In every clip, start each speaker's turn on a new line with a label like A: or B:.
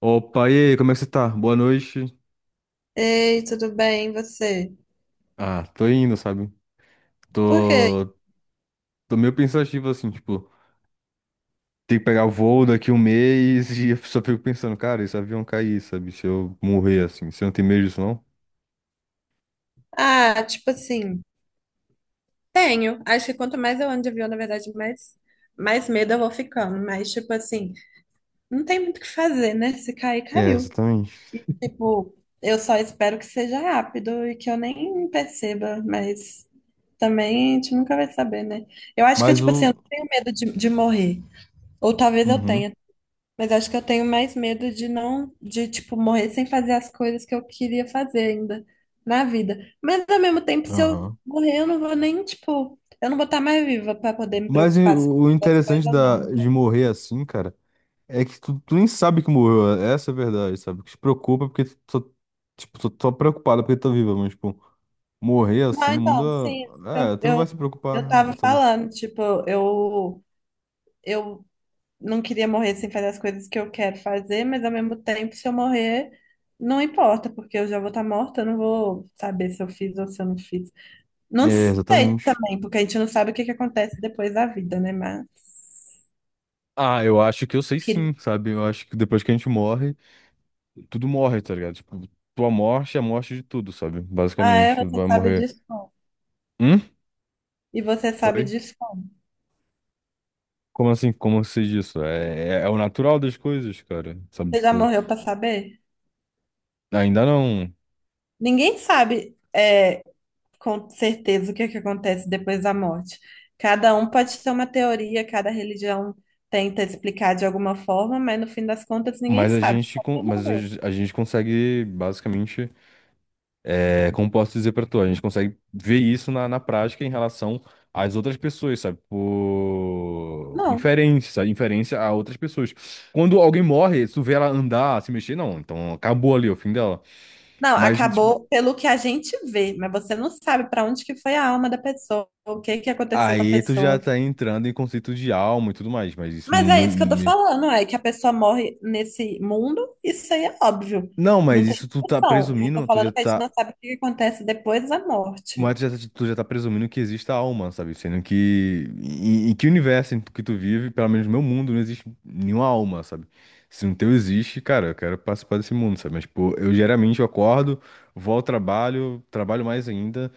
A: Opa, e aí, como é que você tá? Boa noite.
B: Ei, tudo bem, e você?
A: Ah, tô indo, sabe?
B: Por quê?
A: Tô, tô meio pensativo assim, tipo, tem que pegar o voo daqui um mês e eu só fico pensando, cara, esse avião cair, sabe? Se eu morrer assim, você não tem medo disso, não?
B: Ah, tipo assim, tenho. Acho que quanto mais eu ando de avião, na verdade, mais medo eu vou ficando. Mas, tipo assim, não tem muito o que fazer, né? Se cair,
A: É,
B: caiu.
A: exatamente.
B: E, tipo, eu só espero que seja rápido e que eu nem perceba, mas também a gente nunca vai saber, né? Eu acho que,
A: Mas
B: tipo assim, eu
A: o.
B: não tenho medo de morrer. Ou talvez eu
A: Uhum,
B: tenha. Mas acho que eu tenho mais medo de não, de tipo, morrer sem fazer as coisas que eu queria fazer ainda na vida. Mas ao mesmo tempo, se eu
A: aham.
B: morrer, eu não vou nem, tipo, eu não vou estar mais viva para poder me
A: Mas e
B: preocupar se eu
A: o
B: fiz as
A: interessante
B: coisas, não.
A: de
B: Então.
A: morrer assim, cara, é que tu nem sabe que morreu, essa é a verdade, sabe? O que te preocupa é porque tipo, tô preocupado porque tô viva, mas, tipo. Morrer assim
B: Não,
A: não muda.
B: então, sim, eu,
A: É, tu não vai
B: eu,
A: se preocupar,
B: eu tava
A: sabe?
B: falando, tipo, eu, eu não queria morrer sem fazer as coisas que eu quero fazer, mas ao mesmo tempo, se eu morrer, não importa, porque eu já vou estar morta, eu não vou saber se eu fiz ou se eu não fiz. Não
A: É,
B: sei
A: exatamente.
B: também, porque a gente não sabe o que que acontece depois da vida, né? Mas
A: Ah, eu acho que eu sei
B: queria.
A: sim, sabe? Eu acho que depois que a gente morre, tudo morre, tá ligado? Tipo, tua morte é a morte de tudo, sabe?
B: Ah, é,
A: Basicamente,
B: você
A: vai
B: sabe
A: morrer.
B: disso como?
A: Hum?
B: E você sabe
A: Oi?
B: disso como?
A: Como assim? Como eu diz isso? É o natural das coisas, cara. Sabe?
B: Você já
A: Tipo,
B: morreu pra saber?
A: ainda não.
B: Ninguém sabe é, com certeza o que que acontece depois da morte. Cada um pode ter uma teoria, cada religião tenta explicar de alguma forma, mas no fim das contas ninguém
A: Mas
B: sabe, só quem
A: mas
B: morreu.
A: a gente consegue, basicamente. É, como posso dizer pra tu, a gente consegue ver isso na prática em relação às outras pessoas, sabe? Por
B: Não.
A: inferência, sabe? Inferência a outras pessoas. Quando alguém morre, se tu vê ela andar, se mexer, não. Então acabou ali é o fim dela.
B: Não,
A: Mas, tipo,
B: acabou pelo que a gente vê, mas você não sabe para onde que foi a alma da pessoa, o que que aconteceu com a
A: aí tu já
B: pessoa.
A: tá entrando em conceito de alma e tudo mais. Mas isso não.
B: Mas é isso que eu tô falando, é que a pessoa morre nesse mundo, isso aí é óbvio.
A: Não,
B: Não
A: mas
B: tem
A: isso tu tá
B: discussão. Eu tô
A: presumindo, tu já
B: falando que a gente
A: tá.
B: não sabe o que acontece depois da
A: Mas
B: morte.
A: tu já tá presumindo que existe a alma, sabe? Sendo que em que universo em que tu vive, pelo menos no meu mundo, não existe nenhuma alma, sabe? Se no teu existe, cara, eu quero participar desse mundo, sabe? Mas, tipo, eu geralmente eu acordo, vou ao trabalho, trabalho mais ainda,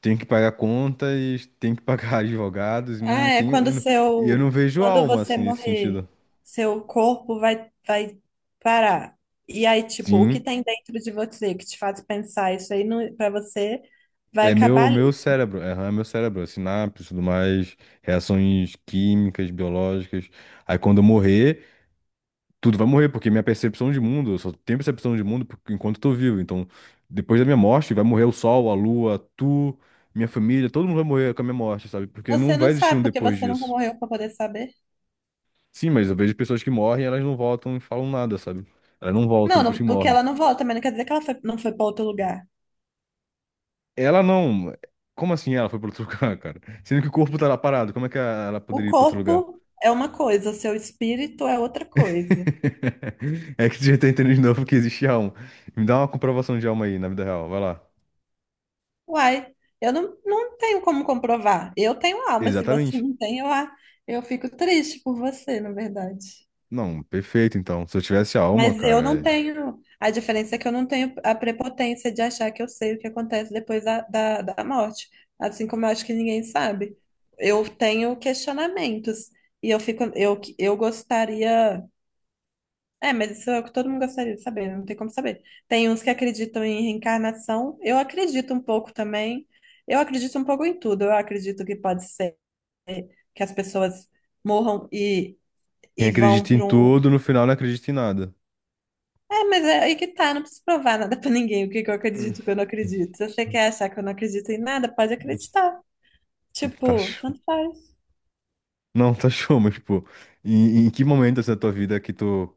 A: tenho que pagar contas, tenho que pagar advogados, não
B: Ah, é
A: tenho, e eu
B: quando
A: não, e eu não
B: seu,
A: vejo
B: quando
A: alma,
B: você
A: assim, nesse
B: morrer,
A: sentido.
B: seu corpo vai parar. E aí, tipo, o que
A: Sim,
B: tem dentro de você que te faz pensar isso aí não, pra você vai
A: é
B: acabar
A: meu
B: ali.
A: cérebro, é meu cérebro, é sinapse, tudo mais, reações químicas, biológicas. Aí quando eu morrer, tudo vai morrer, porque minha percepção de mundo, eu só tenho percepção de mundo enquanto eu tô vivo. Então, depois da minha morte, vai morrer o sol, a lua, tu, minha família, todo mundo vai morrer com a minha morte, sabe? Porque não
B: Você não
A: vai existir
B: sabe,
A: um
B: porque
A: depois
B: você nunca
A: disso.
B: morreu pra poder saber.
A: Sim, mas eu vejo pessoas que morrem, elas não voltam e falam nada, sabe? Elas não voltam depois
B: Não,
A: que
B: porque
A: morrem.
B: ela não volta, mas não quer dizer que ela foi, não foi pra outro lugar.
A: Ela não. Como assim ela foi pra outro lugar, cara? Sendo que o corpo tá lá parado, como é que ela
B: O
A: poderia ir pra outro lugar?
B: corpo é uma coisa, seu espírito é outra coisa.
A: É que tu já tá entendendo de novo que existe alma. Me dá uma comprovação de alma aí, na vida real, vai lá.
B: Uai, eu não tenho como comprovar. Eu tenho alma, se você
A: Exatamente.
B: não tem, eu, a, eu fico triste por você, na verdade.
A: Não, perfeito, então. Se eu tivesse alma,
B: Mas eu não
A: cara,
B: tenho. A diferença é que eu não tenho a prepotência de achar que eu sei o que acontece depois da morte. Assim como eu acho que ninguém sabe. Eu tenho questionamentos. E eu fico, eu gostaria. É, mas isso é o que todo mundo gostaria de saber, não tem como saber. Tem uns que acreditam em reencarnação, eu acredito um pouco também. Eu acredito um pouco em tudo. Eu acredito que pode ser que as pessoas morram
A: quem
B: e vão
A: acredita em
B: para um.
A: tudo, no final não acredita em nada.
B: É, mas é aí que tá, não preciso provar nada para ninguém o que que eu acredito e o que eu não acredito. Se você quer achar que eu não acredito em nada, pode
A: Hum.
B: acreditar.
A: Tá
B: Tipo,
A: show.
B: tanto faz.
A: Não, tá show, mas, pô, em que momento assim, da tua vida que tu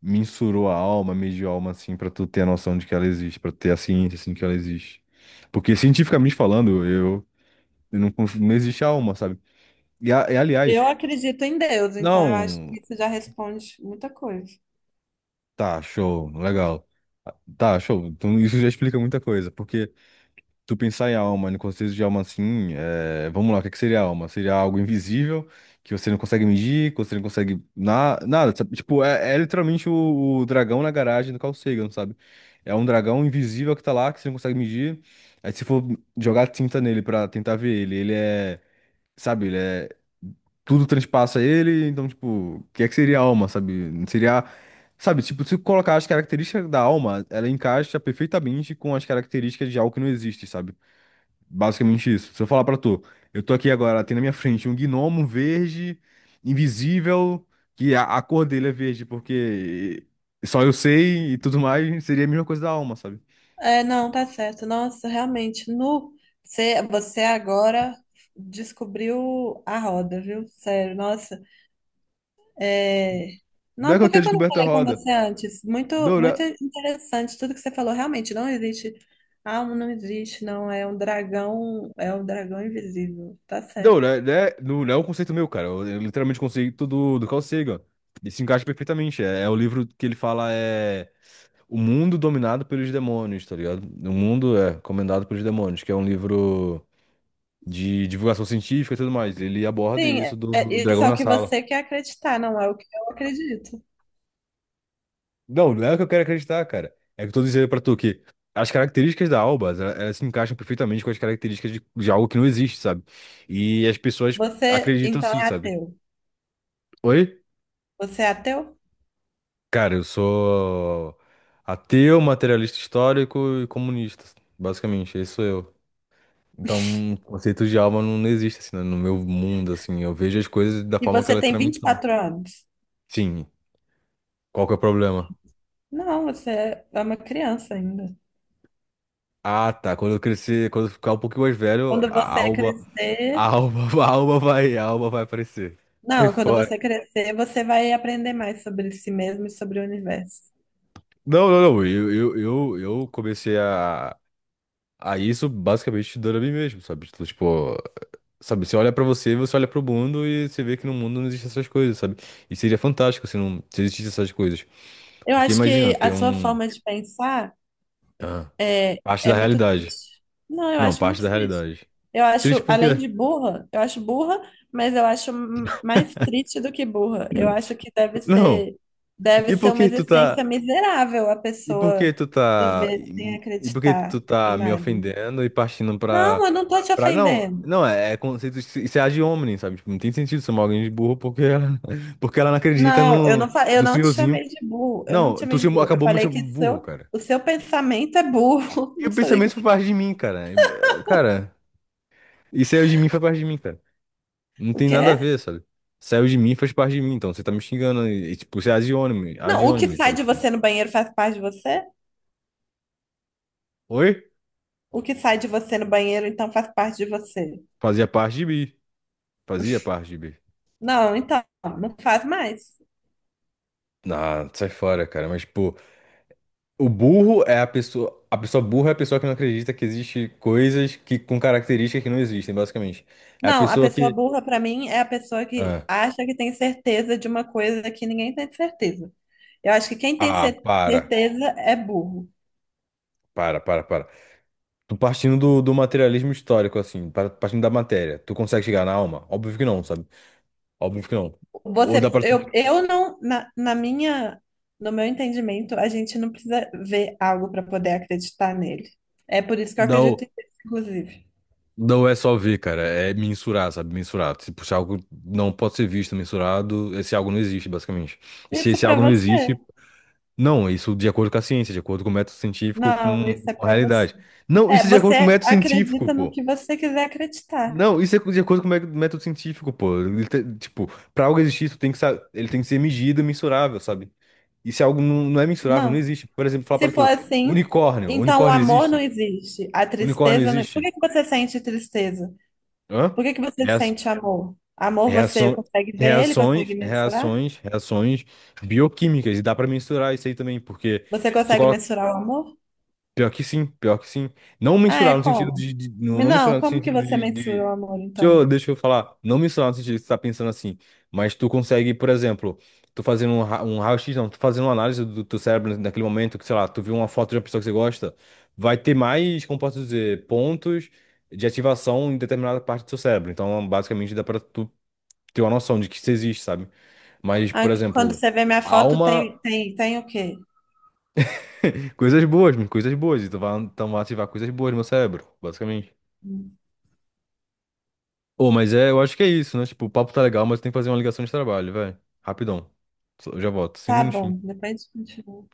A: mensurou a alma, mediu a alma, assim, pra tu ter a noção de que ela existe, pra tu ter a ciência, assim, que ela existe? Porque, cientificamente falando, eu não, conf- não existe a alma, sabe? E, e, aliás,
B: Eu acredito em Deus, então eu acho
A: não,
B: que isso já responde muita coisa.
A: tá, show, legal. Tá, show. Então, isso já explica muita coisa, porque tu pensar em alma, no conceito de alma assim, é, vamos lá, o que é que seria alma? Seria algo invisível que você não consegue medir, que você não consegue nada, sabe? Tipo, é literalmente o dragão na garagem do Carl Sagan, sabe? É um dragão invisível que tá lá, que você não consegue medir. Aí se for jogar tinta nele pra tentar ver ele, ele é, sabe, ele é tudo transpassa ele, então, tipo, o que é que seria a alma, sabe? Seria, sabe, tipo, se colocar as características da alma, ela encaixa perfeitamente com as características de algo que não existe, sabe? Basicamente isso. Se eu falar pra tu, eu tô aqui agora, tem na minha frente um gnomo verde, invisível, que a cor dele é verde, porque só eu sei e tudo mais, seria a mesma coisa da alma, sabe?
B: É, não, tá certo. Nossa, realmente, nu, você agora descobriu a roda, viu? Sério, nossa. É.
A: Não é
B: Não,
A: que
B: por
A: eu
B: que
A: tenha
B: que eu não
A: descoberto a
B: falei com
A: roda.
B: você antes?
A: Não, né?
B: Muito interessante tudo que você falou. Realmente, não existe. Ah, não existe, não. É um dragão invisível. Tá
A: Não,
B: certo.
A: né? Né, não, não é um conceito meu, cara. Eu literalmente conceito do Carl Sagan. E se encaixa perfeitamente. É o livro que ele fala é o mundo dominado pelos demônios, tá ligado? O mundo é comandado pelos demônios, que é um livro de divulgação científica e tudo mais. Ele aborda
B: Sim,
A: isso
B: é, é
A: do
B: isso
A: dragão
B: é o
A: na
B: que
A: sala.
B: você quer acreditar, não é o que eu acredito.
A: Não, não é o que eu quero acreditar, cara. É o que eu tô dizendo pra tu que as características da Alba, elas se encaixam perfeitamente com as características de algo que não existe, sabe? E as pessoas
B: Você,
A: acreditam
B: então,
A: sim,
B: é
A: sabe?
B: ateu.
A: Oi?
B: Você é ateu?
A: Cara, eu sou ateu, materialista histórico e comunista, basicamente, esse sou eu. Então, o conceito de alma não existe assim, né, no meu mundo, assim, eu vejo as coisas da
B: E
A: forma que
B: você
A: elas
B: tem vinte e
A: tramitam.
B: quatro anos.
A: Sim, qual que é o problema?
B: Não, você é uma criança ainda.
A: Ah, tá. Quando eu crescer, quando eu ficar um pouquinho mais velho,
B: Quando
A: a
B: você
A: alma, a
B: crescer,
A: alma, a alma vai aparecer. Sai
B: não, quando
A: fora.
B: você crescer, você vai aprender mais sobre si mesmo e sobre o universo.
A: Não, não, não. Eu comecei a isso basicamente dando a mim mesmo, sabe? Tipo, sabe? Você olha pra você, você olha pro mundo e você vê que no mundo não existem essas coisas, sabe? E seria fantástico se não se existissem essas coisas.
B: Eu
A: Porque
B: acho
A: imagina
B: que a
A: ter
B: sua
A: um.
B: forma de pensar
A: Ah,
B: é
A: parte
B: é
A: da
B: muito
A: realidade.
B: triste. Não, eu
A: Não,
B: acho
A: parte da
B: muito triste.
A: realidade.
B: Eu
A: Triste
B: acho,
A: porque.
B: além de burra, eu acho burra, mas eu acho m, mais triste do que burra. Eu acho que
A: Não.
B: deve
A: E por
B: ser uma
A: que tu
B: existência
A: tá.
B: miserável a
A: E por que
B: pessoa
A: tu tá
B: viver sem
A: e por que tu
B: acreditar em
A: tá me
B: nada.
A: ofendendo e partindo
B: Não,
A: pra
B: eu não tô te
A: para não,
B: ofendendo.
A: não é, é conceito isso é ad hominem, sabe? Tipo, não tem sentido chamar alguém de burro porque ela, porque ela não acredita
B: Não, eu
A: no
B: não, fa, eu
A: no
B: não te
A: senhorzinho.
B: chamei de burro. Eu não te
A: Não, tu
B: chamei de
A: chamou,
B: burro. Eu
A: acabou me
B: falei que
A: chamando de burro, cara.
B: o seu pensamento é burro.
A: E
B: Não
A: o
B: falei
A: pensamento
B: que
A: foi parte de mim, cara. Cara, e saiu de mim foi parte de mim, cara. Não
B: o
A: tem
B: que
A: nada a
B: é?
A: ver, sabe? Saiu de mim faz parte de mim, então você tá me xingando e, tipo, você é
B: Não,
A: ad
B: o que
A: hominem,
B: sai
A: sabe?
B: de
A: Tipo,
B: você no banheiro faz parte de você?
A: oi?
B: O que sai de você no banheiro, então faz parte de você.
A: Fazia parte de mim, fazia parte de mim.
B: Não, então, não faz mais.
A: Ah, sai fora, cara. Mas, pô, o burro é a pessoa. A pessoa burra é a pessoa que não acredita que existe coisas que, com características que não existem, basicamente. É a
B: Não, a
A: pessoa
B: pessoa
A: que.
B: burra, pra mim, é a pessoa que
A: Ah,
B: acha que tem certeza de uma coisa que ninguém tem certeza. Eu acho que quem tem
A: ah,
B: cer,
A: para.
B: certeza é burro.
A: Para, para, para. Tu partindo do materialismo histórico, assim, partindo da matéria, tu consegue chegar na alma? Óbvio que não, sabe? Óbvio que não. Ou dá
B: Você,
A: pra.
B: eu não, na minha, no meu entendimento, a gente não precisa ver algo para poder acreditar nele. É por isso que eu
A: Dá,
B: acredito
A: o-
B: em Deus, inclusive.
A: não é só ver, cara. É mensurar, sabe? Mensurar. Tipo, se puxar algo não pode ser visto, mensurado, esse algo não existe, basicamente. E se
B: Isso
A: esse
B: pra
A: algo não
B: você.
A: existe. Não, isso de acordo com a ciência, de acordo com o método científico,
B: Não,
A: com
B: isso é
A: com a
B: pra você.
A: realidade. Não,
B: É,
A: isso é de acordo com o
B: você
A: método científico,
B: acredita no
A: pô.
B: que você quiser acreditar.
A: Não, isso é de acordo com o método científico, pô. Ele tipo, pra algo existir, isso tem que, ele tem que ser medido e mensurável, sabe? E se algo não é mensurável, não
B: Não.
A: existe. Por exemplo, falar
B: Se
A: pra
B: for
A: tu,
B: assim,
A: unicórnio,
B: então o
A: unicórnio
B: amor não
A: existe?
B: existe. A
A: Unicórnio
B: tristeza não. Por
A: existe?
B: que que você sente tristeza?
A: Hã?
B: Por que que você
A: Reaço-
B: sente amor? Amor você
A: Reação,
B: consegue ver ele, consegue
A: reações,
B: mensurar?
A: reações, reações bioquímicas, e dá pra mensurar isso aí também, porque
B: Você
A: se tu.
B: consegue mensurar o amor?
A: Pior que sim, pior que sim. Não
B: Ah, é
A: mensurar no sentido
B: como?
A: de-, não,
B: Me,
A: não mensurar
B: não,
A: no
B: como que
A: sentido
B: você
A: de,
B: mensura o
A: de-.
B: amor,
A: Deixa
B: então?
A: eu, deixa eu falar. Não mensurar no sentido de que você tá pensando assim. Mas tu consegue, por exemplo, tu fazendo um raio-x, não, tu fazendo uma análise do teu cérebro naquele momento, que, sei lá, tu viu uma foto de uma pessoa que você gosta, vai ter mais, como posso dizer, pontos de ativação em determinada parte do seu cérebro. Então, basicamente, dá pra tu ter uma noção de que isso existe, sabe? Mas, por
B: Ah, quando
A: exemplo,
B: você vê minha foto,
A: alma.
B: tem o quê?
A: Coisas boas, mano, coisas boas. Então vai ativar coisas boas no meu cérebro, basicamente. Ô, mas é, eu acho que é isso, né? Tipo, o papo tá legal, mas tem que fazer uma ligação de trabalho, velho. Rapidão. Já volto. Cinco
B: Tá bom,
A: minutinhos.
B: depois a gente continua.